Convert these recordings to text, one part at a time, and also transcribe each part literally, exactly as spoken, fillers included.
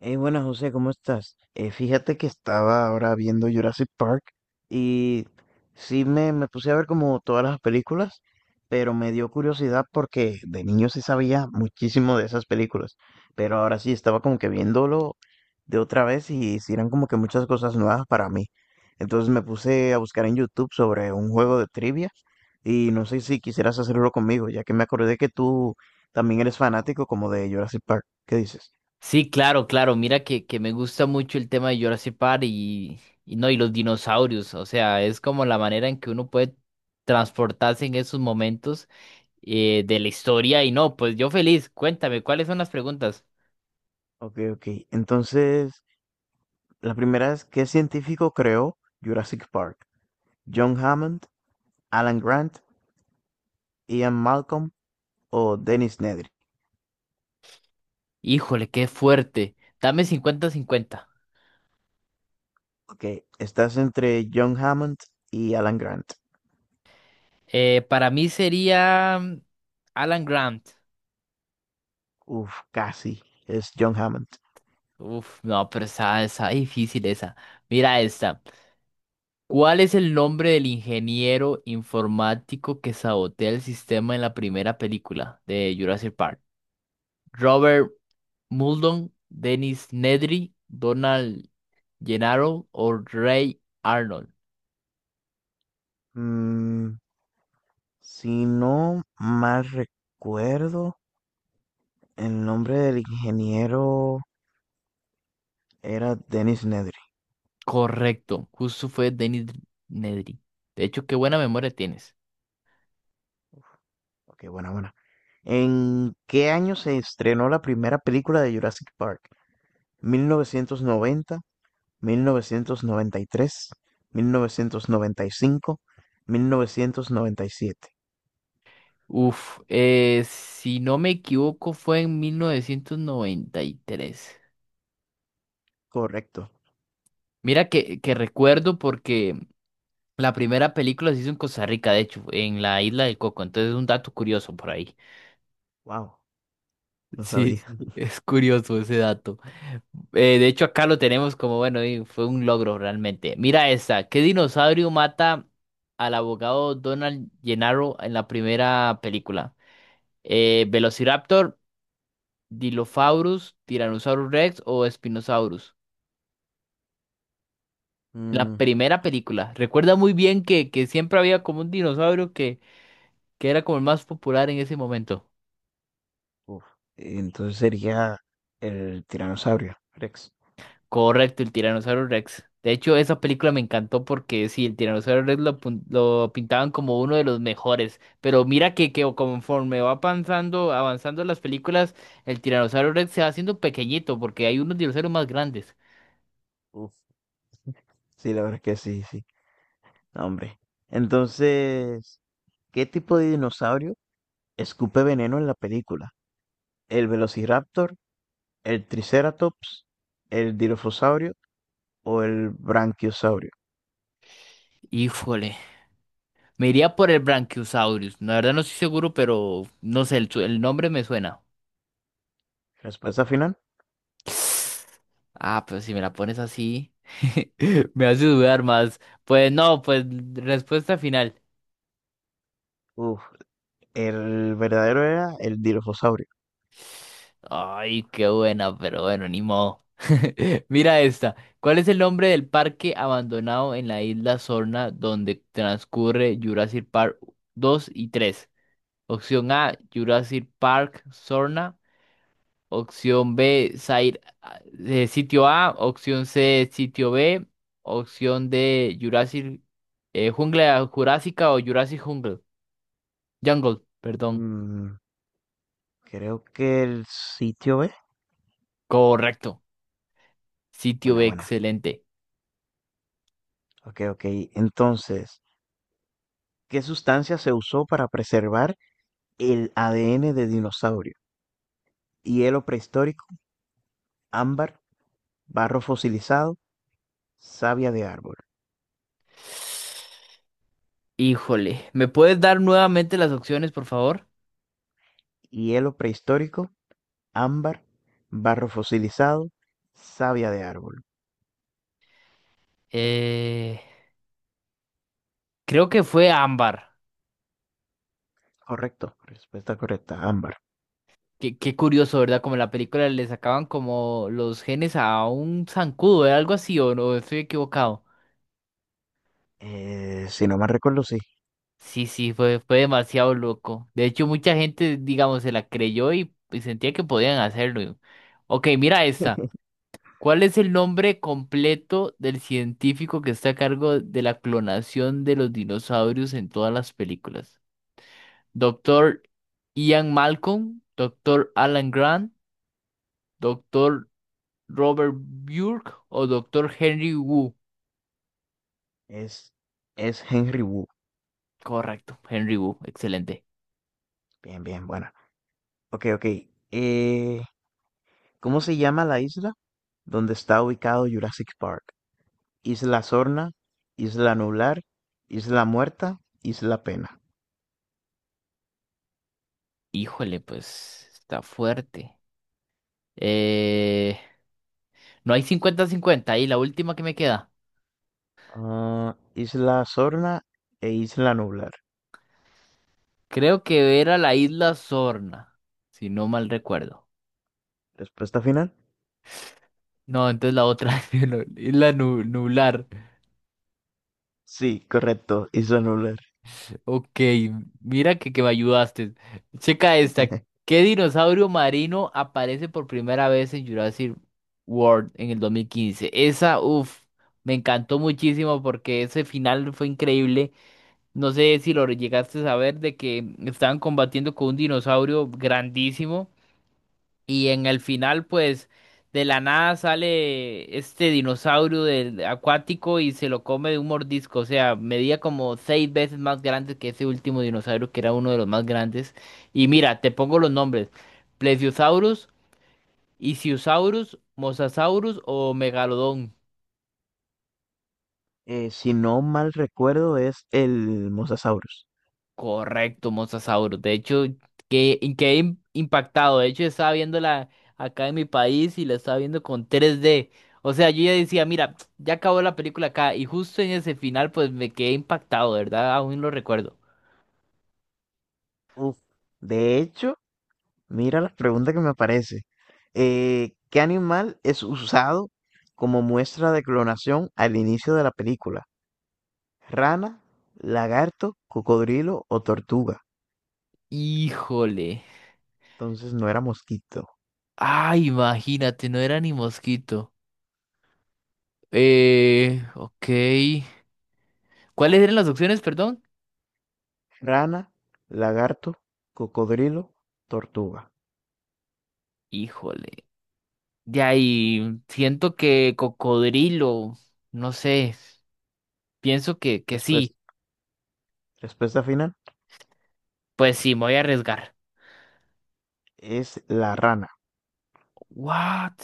Hey, buenas José, ¿cómo estás? Eh, fíjate que estaba ahora viendo Jurassic Park y sí me, me puse a ver como todas las películas, pero me dio curiosidad porque de niño sí sabía muchísimo de esas películas, pero ahora sí estaba como que viéndolo de otra vez y sí eran como que muchas cosas nuevas para mí. Entonces me puse a buscar en YouTube sobre un juego de trivia y no sé si quisieras hacerlo conmigo, ya que me acordé que tú también eres fanático como de Jurassic Park. ¿Qué dices? Sí, claro, claro. Mira que, que me gusta mucho el tema de Jurassic Park y, y no, y los dinosaurios. O sea, es como la manera en que uno puede transportarse en esos momentos eh, de la historia. Y no, pues yo feliz. Cuéntame, ¿cuáles son las preguntas? Okay, ok. Entonces, la primera es, ¿qué científico creó Jurassic Park? ¿John Hammond, Alan Grant, Ian Malcolm o Dennis Nedry? Híjole, qué fuerte. Dame cincuenta-cincuenta. Ok, estás entre John Hammond y Alan Grant. Eh, para mí sería mm, Alan Grant. Uf, casi. Es John Hammond. Uf, no, pero esa, esa difícil esa. Mira esta. ¿Cuál es el nombre del ingeniero informático que sabotea el sistema en la primera película de Jurassic Park? Robert Muldoon, Dennis Nedry, Donald Gennaro o Ray Arnold. Mm, si no mal recuerdo, el nombre del ingeniero era Dennis Nedry. Correcto, justo fue Dennis Nedry. De hecho, qué buena memoria tienes. Ok, buena, buena. ¿En qué año se estrenó la primera película de Jurassic Park? mil novecientos noventa, mil novecientos noventa y tres, mil novecientos noventa y cinco, mil novecientos noventa y siete. Uf, eh, si no me equivoco fue en mil novecientos noventa y tres. Correcto. Mira que, que recuerdo porque la primera película se hizo en Costa Rica, de hecho, en la isla del Coco. Entonces es un dato curioso por ahí. Wow, no Sí, sabía. sí, es curioso ese dato. Eh, de hecho, acá lo tenemos como, bueno, y fue un logro realmente. Mira esta. ¿Qué dinosaurio mata al abogado Donald Gennaro en la primera película? Eh, ¿Velociraptor, Dilophosaurus, Tyrannosaurus Rex o Spinosaurus? En la Mm, primera película. Recuerda muy bien que, que siempre había como un dinosaurio que, que era como el más popular en ese momento. uf. Entonces sería el tiranosaurio Rex. Correcto, el Tiranosaurio Rex. De hecho, esa película me encantó porque sí, el Tiranosaurio Rex lo, pun- lo pintaban como uno de los mejores. Pero mira que, que conforme va avanzando, avanzando las películas, el Tiranosaurio Rex se va haciendo pequeñito porque hay unos dinosaurios más grandes. Uf. Sí, la verdad es que sí, sí. No, hombre. Entonces, ¿qué tipo de dinosaurio escupe veneno en la película? ¿El Velociraptor, el Triceratops, el Dilophosaurio o el Branquiosaurio? Híjole, me iría por el Brachiosaurus. La verdad no estoy seguro, pero no sé, el, su- el nombre me suena. Respuesta final. Ah, pues si me la pones así, me hace dudar más. Pues no, pues respuesta final. Uf. El verdadero era el dirofosaurio. Ay, qué buena, pero bueno, ni modo. Mira esta. ¿Cuál es el nombre del parque abandonado en la isla Sorna donde transcurre Jurassic Park dos y tres? Opción A, Jurassic Park Sorna. Opción B, Site- eh, sitio A. Opción C, sitio B. Opción D, Jurassic eh, Jungla Jurásica o Jurassic Jungle. Jungle, perdón. Mm, Creo que el sitio B. Correcto. Sitio Buena, B, buena. excelente. Ok, ok. Entonces, ¿qué sustancia se usó para preservar el A D N de dinosaurio? Hielo prehistórico, ámbar, barro fosilizado, savia de árbol. Híjole, ¿me puedes dar nuevamente las opciones, por favor? Hielo prehistórico, ámbar, barro fosilizado, savia de árbol. Eh, creo que fue ámbar. Correcto, respuesta correcta, ámbar. Qué, qué curioso, ¿verdad? Como en la película le sacaban como los genes a un zancudo, ¿eh? Algo así, ¿o no? Estoy equivocado. Eh, si no mal recuerdo, sí. Sí, sí, fue, fue demasiado loco. De hecho, mucha gente, digamos, se la creyó y, y sentía que podían hacerlo. Ok, mira esta. ¿Cuál es el nombre completo del científico que está a cargo de la clonación de los dinosaurios en todas las películas? Doctor Ian Malcolm, Doctor Alan Grant, Doctor Robert Burke o Doctor Henry Wu. Es, es Henry Wu. Correcto, Henry Wu, excelente. Bien, bien, bueno. Ok, ok. Eh, ¿Cómo se llama la isla donde está ubicado Jurassic Park? Isla Sorna, Isla Nublar, Isla Muerta, Isla Pena. Híjole, pues está fuerte. Eh, no hay cincuenta-cincuenta y la última que me queda. Ah, Isla Sorna e Isla Nublar. Creo que era la isla Sorna, si no mal recuerdo. ¿Respuesta final? No, entonces la otra, la isla Nu- Nublar. Sí, correcto, Isla Nublar. Ok, mira que, que me ayudaste. Checa esta. ¿Qué dinosaurio marino aparece por primera vez en Jurassic World en el dos mil quince? Esa, uff, me encantó muchísimo porque ese final fue increíble. No sé si lo llegaste a saber de que estaban combatiendo con un dinosaurio grandísimo. Y en el final, pues, de la nada sale este dinosaurio del acuático y se lo come de un mordisco. O sea, medía como seis veces más grande que ese último dinosaurio, que era uno de los más grandes. Y mira, te pongo los nombres. Plesiosaurus, Ichthyosaurus, Mosasaurus o Megalodón. Eh, si no mal recuerdo, es el Mosasaurus. Correcto, Mosasaurus. De hecho, que quedé im- impactado. De hecho, yo estaba viéndola acá en mi país y la estaba viendo con tres D. O sea, yo ya decía, mira, ya acabó la película acá. Y justo en ese final, pues me quedé impactado, de ¿verdad? Aún lo recuerdo. Uf, de hecho, mira la pregunta que me aparece. Eh, ¿qué animal es usado como muestra de clonación al inicio de la película? Rana, lagarto, cocodrilo o tortuga. Híjole. Entonces no era mosquito. Ay, imagínate, no era ni mosquito. Eh, ok. ¿Cuáles eran las opciones, perdón? Rana, lagarto, cocodrilo, tortuga. Híjole. De ahí, siento que cocodrilo. No sé. Pienso que, que sí. Respuesta. Respuesta final Pues sí, me voy a arriesgar. es la rana. What?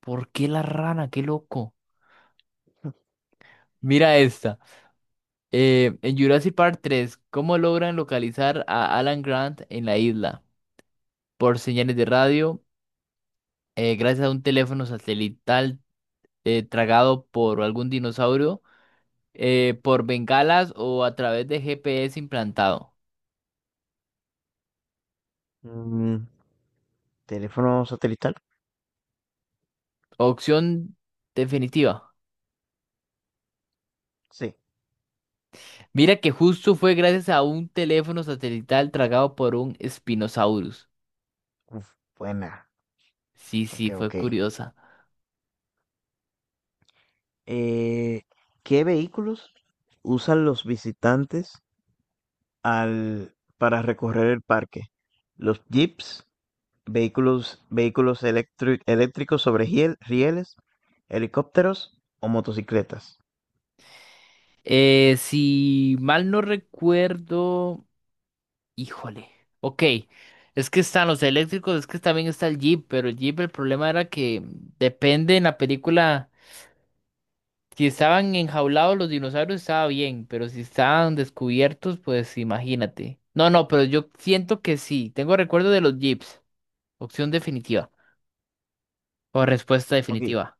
¿Por qué la rana? Qué loco. Mira esta. Eh, en Jurassic Park tres, ¿cómo logran localizar a Alan Grant en la isla? Por señales de radio, eh, gracias a un teléfono satelital eh, tragado por algún dinosaurio, eh, por bengalas o a través de G P S implantado. Mm, ¿Teléfono satelital? Opción definitiva. Sí. Mira que justo fue gracias a un teléfono satelital tragado por un Spinosaurus. Uf, buena. Sí, sí, Ok, fue ok. curiosa. Eh, ¿Qué vehículos usan los visitantes al, para recorrer el parque? Los jeeps, vehículos, vehículos electri- eléctricos sobre hiel- rieles, helicópteros o motocicletas. Eh, si mal no recuerdo, híjole. Ok, es que están los eléctricos, es que también está el Jeep, pero el Jeep el problema era que depende en la película. Si estaban enjaulados los dinosaurios estaba bien, pero si estaban descubiertos, pues imagínate. No, no, pero yo siento que sí. Tengo recuerdo de los Jeeps. Opción definitiva o respuesta Ok, definitiva.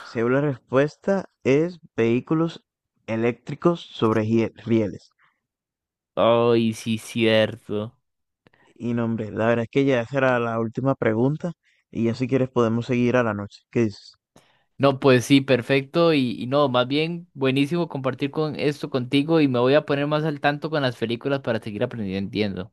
según la respuesta es vehículos eléctricos sobre hiel- rieles. Ay, sí, cierto. Y no, hombre, la verdad es que ya esa era la última pregunta y ya si quieres podemos seguir a la noche. ¿Qué dices? No, pues sí, perfecto. Y, y no, más bien buenísimo compartir con esto contigo y me voy a poner más al tanto con las películas para seguir aprendiendo.